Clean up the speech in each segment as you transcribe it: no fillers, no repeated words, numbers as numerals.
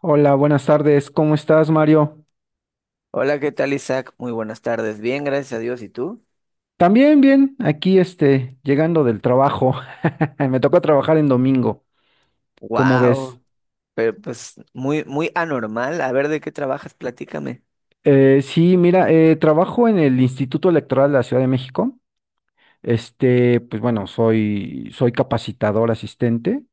Hola, buenas tardes. ¿Cómo estás, Mario? Hola, ¿qué tal, Isaac? Muy buenas tardes. Bien, gracias a Dios. ¿Y tú? También bien, aquí este, llegando del trabajo. Me tocó trabajar en domingo, ¿cómo ves? Wow, pero pues muy, muy anormal. A ver, ¿de qué trabajas? Platícame. Sí, mira, trabajo en el Instituto Electoral de la Ciudad de México. Este, pues bueno, soy capacitador asistente.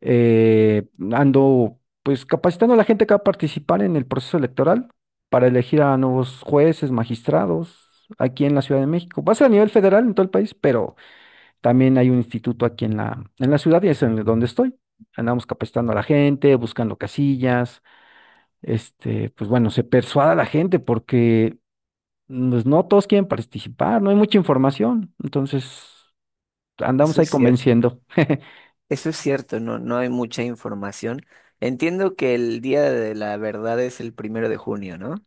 Ando pues capacitando a la gente que va a participar en el proceso electoral para elegir a nuevos jueces, magistrados, aquí en la Ciudad de México. Va a ser a nivel federal en todo el país, pero también hay un instituto aquí en la ciudad y es en donde estoy. Andamos capacitando a la gente, buscando casillas, este, pues bueno, se persuada a la gente porque pues, no todos quieren participar, no hay mucha información. Entonces, andamos Eso ahí es cierto. convenciendo. Eso es cierto, no, no hay mucha información. Entiendo que el Día de la Verdad es el primero de junio, ¿no?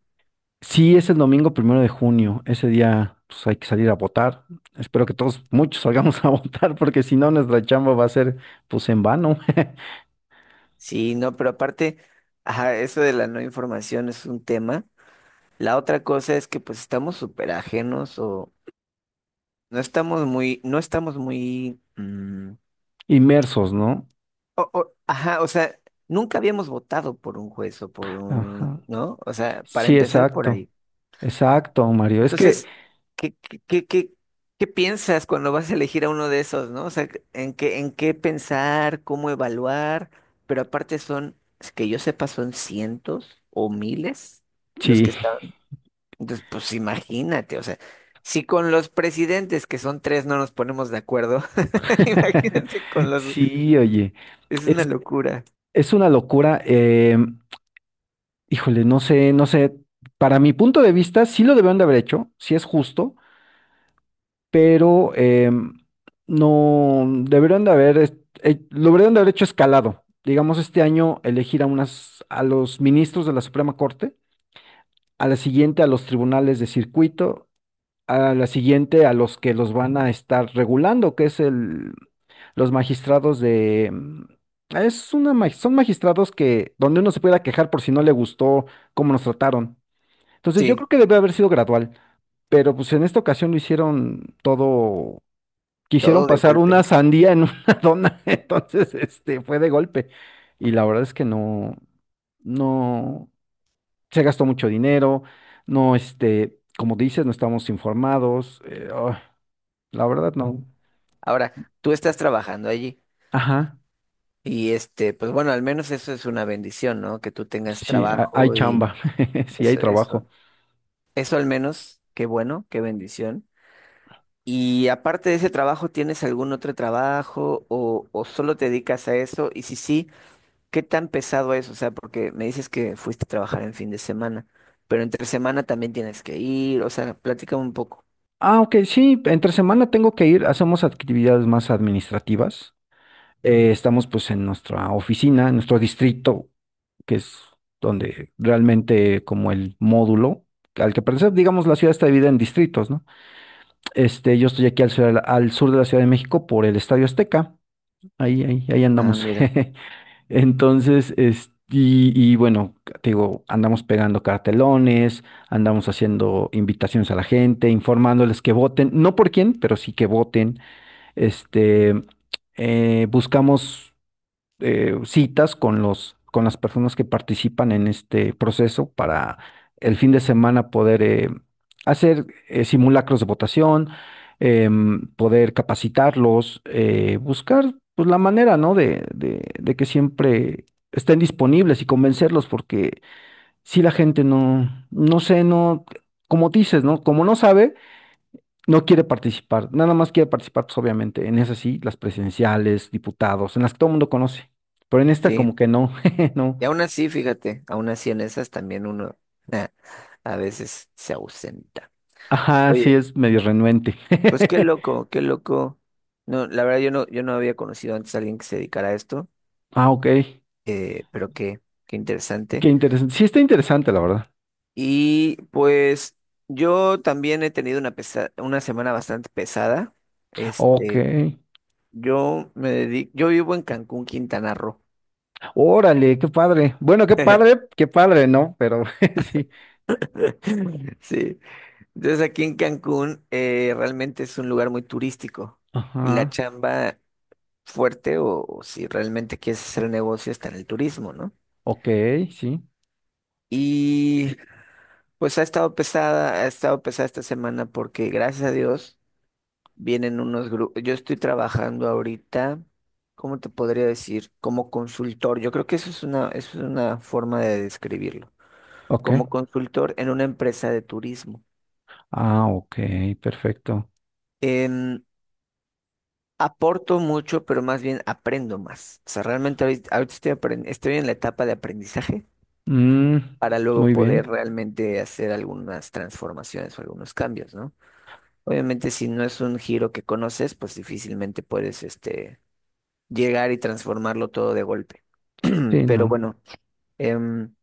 Sí, es el domingo 1 de junio. Ese día pues, hay que salir a votar. Espero que todos, muchos salgamos a votar, porque si no, nuestra chamba va a ser pues en vano, Sí, no, pero aparte, ajá, eso de la no información es un tema. La otra cosa es que pues estamos súper ajenos o no estamos muy, inmersos, ¿no? Ajá, o sea, nunca habíamos votado por un juez o por un, Ajá. ¿no? O sea, para Sí, empezar por exacto, ahí. exacto, Mario. Es que Entonces, ¿qué, qué, qué, qué, qué piensas cuando vas a elegir a uno de esos, ¿no? O sea, ¿en qué pensar, cómo evaluar? Pero aparte son, es que yo sepa, son cientos o miles los que sí, están. Entonces, pues imagínate, o sea, si con los presidentes, que son tres, no nos ponemos de acuerdo, imagínate con los, sí, oye, es una es, locura. es una locura. Híjole, no sé, no sé, para mi punto de vista sí lo debieron de haber hecho, sí es justo, pero no, deberían de haber, lo deberían de haber hecho escalado. Digamos, este año elegir a unas, a los ministros de la Suprema Corte, a la siguiente a los tribunales de circuito, a la siguiente a los que los van a estar regulando, que es el, los magistrados de, son magistrados que, donde uno se pueda quejar por si no le gustó cómo nos trataron. Entonces yo Sí, creo que debe haber sido gradual, pero pues en esta ocasión lo hicieron todo, quisieron todo de pasar una golpe. sandía en una dona, entonces este fue de golpe. Y la verdad es que no, no, se gastó mucho dinero, no, este, como dices, no estamos informados. Ah. La verdad no. Ahora, tú estás trabajando allí Ajá, y este, pues bueno, al menos eso es una bendición, ¿no? Que tú tengas sí, hay trabajo chamba, y sí hay eso, eso, trabajo. eso al menos, qué bueno, qué bendición. Y aparte de ese trabajo, ¿tienes algún otro trabajo o solo te dedicas a eso? Y si sí, ¿qué tan pesado es? O sea, porque me dices que fuiste a trabajar en fin de semana, pero entre semana también tienes que ir, o sea, platícame un poco. Ah, ok, sí, entre semana tengo que ir, hacemos actividades más administrativas. Estamos pues en nuestra oficina, en nuestro distrito, que es donde realmente como el módulo al que pertenece, digamos, la ciudad está dividida en distritos, ¿no? Este, yo estoy aquí al sur de la Ciudad de México por el Estadio Azteca. Ahí, ahí, ahí Ah, andamos. mira, Entonces, es, y bueno, te digo, andamos pegando cartelones, andamos haciendo invitaciones a la gente, informándoles que voten, no por quién, pero sí que voten. Este, buscamos citas con los, con las personas que participan en este proceso para el fin de semana poder hacer simulacros de votación, poder capacitarlos, buscar pues, la manera, ¿no?, de que siempre estén disponibles y convencerlos, porque si la gente no, no sé, no, como dices, ¿no? Como no sabe. No quiere participar, nada más quiere participar, pues obviamente, en esas sí, las presidenciales, diputados, en las que todo el mundo conoce. Pero en esta sí. como que no, no. Y aún así, fíjate, aún así en esas también uno a veces se ausenta. Ajá, sí Oye, es medio renuente. pues qué loco, qué loco. No, la verdad yo no había conocido antes a alguien que se dedicara a esto, Ah, ok. Pero qué Qué interesante. interesante. Sí está interesante, la verdad. Y pues yo también he tenido una semana bastante pesada. Ok. Este, yo me dedico, yo vivo en Cancún, Quintana Roo. Órale, qué padre. Bueno, qué padre, ¿no? Pero sí. Sí. Entonces aquí en Cancún realmente es un lugar muy turístico y la Ajá. chamba fuerte o si realmente quieres hacer negocio está en el turismo, ¿no? Ok, sí. Y pues ha estado pesada esta semana porque gracias a Dios vienen unos grupos. Yo estoy trabajando ahorita, ¿cómo te podría decir? Como consultor. Yo creo que eso es una forma de describirlo. Ok. Como consultor en una empresa de turismo. Ah, ok, perfecto. Em, Aporto mucho, pero más bien aprendo más. O sea, realmente ahorita, ahorita estoy en la etapa de aprendizaje Mm, para luego muy poder bien. realmente hacer algunas transformaciones o algunos cambios, ¿no? Obviamente, si no es un giro que conoces, pues difícilmente puedes, llegar y transformarlo todo de golpe. Sí, Pero no. bueno, em,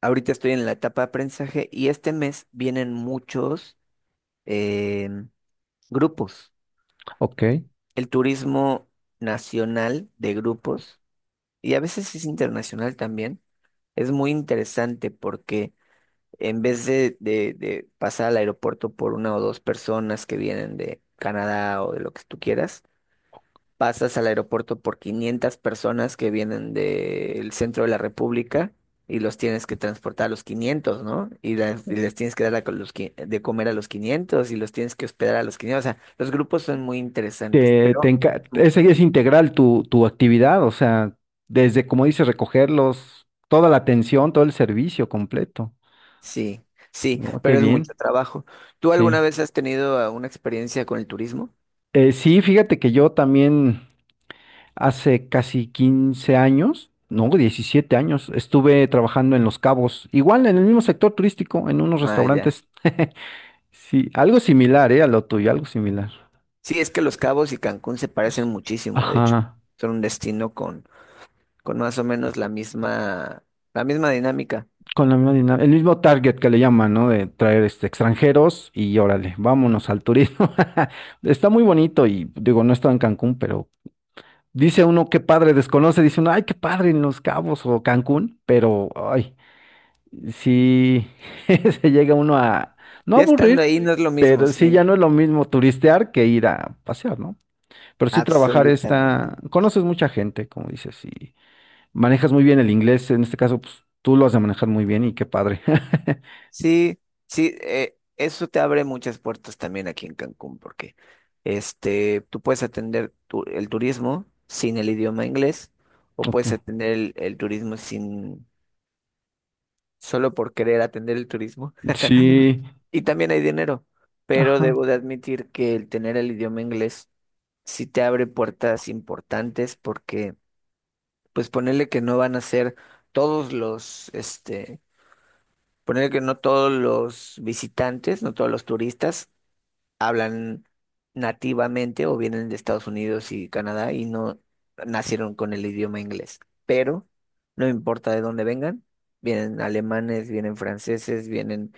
ahorita estoy en la etapa de aprendizaje y este mes vienen muchos em, grupos. Ok. El turismo nacional de grupos. Y a veces es internacional también. Es muy interesante porque en vez de, de pasar al aeropuerto por una o dos personas que vienen de Canadá o de lo que tú quieras, pasas al aeropuerto por 500 personas que vienen del centro de la República y los tienes que transportar a los 500, ¿no? Y, y les tienes que dar a los, de comer a los 500 y los tienes que hospedar a los 500. O sea, los grupos son muy interesantes, Te pero... es integral tu actividad, o sea, desde, como dices, recogerlos, toda la atención, todo el servicio completo. Sí, sí, Oh, qué pero es mucho bien, trabajo. ¿Tú sí. alguna vez has tenido una experiencia con el turismo? Sí, fíjate que yo también hace casi 15 años, no, 17 años, estuve trabajando en Los Cabos, igual en el mismo sector turístico, en unos Ah, ya. restaurantes. Sí, algo similar, a lo tuyo, algo similar. Sí, es que Los Cabos y Cancún se parecen Es- muchísimo, de hecho. Ajá. Son un destino con más o menos la misma dinámica. Con la misma dinámica, el mismo target que le llaman, ¿no? De traer este, extranjeros y órale, vámonos al turismo. Está muy bonito y digo, no he estado en Cancún, pero dice uno qué padre desconoce, dice uno, ay, qué padre en Los Cabos o Cancún, pero ay, sí se llega uno a no Ya. Ah, estando aburrir, ahí sí, no es lo mismo, pero sí sí. ya no es lo mismo turistear que ir a pasear, ¿no? Pero sí trabajar Absolutamente. está, conoces mucha gente, como dices, y manejas muy bien el inglés, en este caso, pues tú lo has de manejar muy bien y qué padre. Sí, sí, eso te abre muchas puertas también aquí en Cancún, porque este, tú puedes atender el turismo sin el idioma inglés o Ok. puedes atender el turismo sin solo por querer atender el turismo. Sí, Y también hay dinero, pero ajá, debo de admitir que el tener el idioma inglés sí te abre puertas importantes porque, pues ponerle que no van a ser todos los, ponerle que no todos los visitantes, no todos los turistas hablan nativamente o vienen de Estados Unidos y Canadá y no nacieron con el idioma inglés, pero no importa de dónde vengan, vienen alemanes, vienen franceses, vienen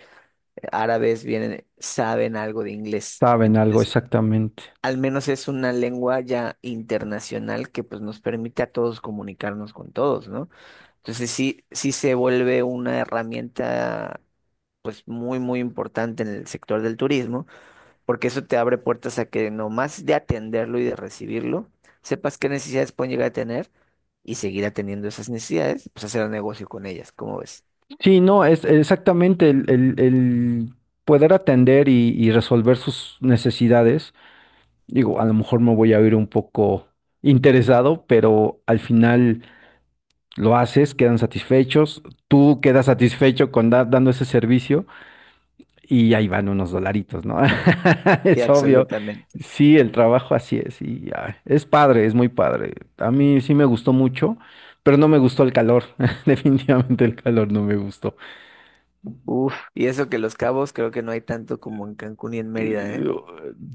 árabes saben algo de inglés. saben algo, Entonces, exactamente. al menos es una lengua ya internacional que pues nos permite a todos comunicarnos con todos, ¿no? Entonces sí, sí se vuelve una herramienta pues muy, muy importante en el sector del turismo, porque eso te abre puertas a que nomás de atenderlo y de recibirlo, sepas qué necesidades pueden llegar a tener y seguir atendiendo esas necesidades, pues hacer un negocio con ellas, ¿cómo ves? Sí, no, es exactamente el, el poder atender y resolver sus necesidades. Digo, a lo mejor me voy a oír un poco interesado, pero al final lo haces, quedan satisfechos, tú quedas satisfecho con dando ese servicio. Y ahí van unos dolaritos, ¿no? Sí, Es obvio. absolutamente. Sí, el trabajo así es y ah, es padre, es muy padre. A mí sí me gustó mucho, pero no me gustó el calor. Definitivamente el calor no me gustó. Uf, y eso que Los Cabos creo que no hay tanto como en Cancún y en Mérida, ¿eh? Eh,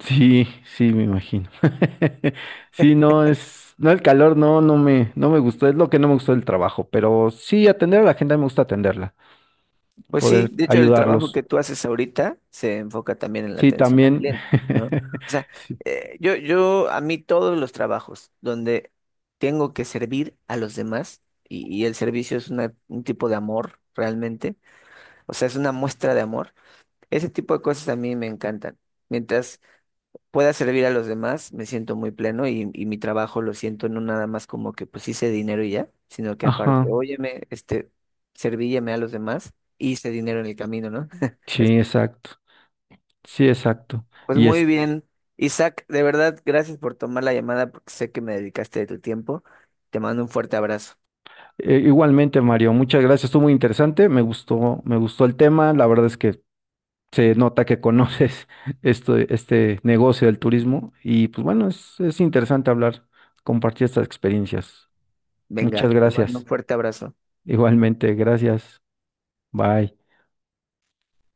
Sí, sí, me imagino. Sí, no es, no el calor, no, no me, no me gustó. Es lo que no me gustó del trabajo, pero sí atender a la gente me gusta atenderla, Pues sí, poder de hecho el trabajo ayudarlos. que tú haces ahorita se enfoca también en la Sí, atención al también. cliente, ¿no? O sea, Sí, a mí todos los trabajos donde tengo que servir a los demás y el servicio es un tipo de amor realmente, o sea, es una muestra de amor, ese tipo de cosas a mí me encantan. Mientras pueda servir a los demás, me siento muy pleno y mi trabajo lo siento no nada más como que pues hice dinero y ya, sino que aparte, ajá. óyeme, este, servílleme a los demás, hice dinero en el camino, ¿no? Sí, exacto. Sí, exacto. Pues Y muy es bien, Isaac, de verdad, gracias por tomar la llamada porque sé que me dedicaste de tu tiempo. Te mando un fuerte abrazo. Igualmente, Mario, muchas gracias. Estuvo muy interesante. Me gustó el tema. La verdad es que se nota que conoces esto, este negocio del turismo. Y pues bueno, es interesante hablar, compartir estas experiencias. Muchas Venga, te mando un gracias. fuerte abrazo. Igualmente, gracias. Bye.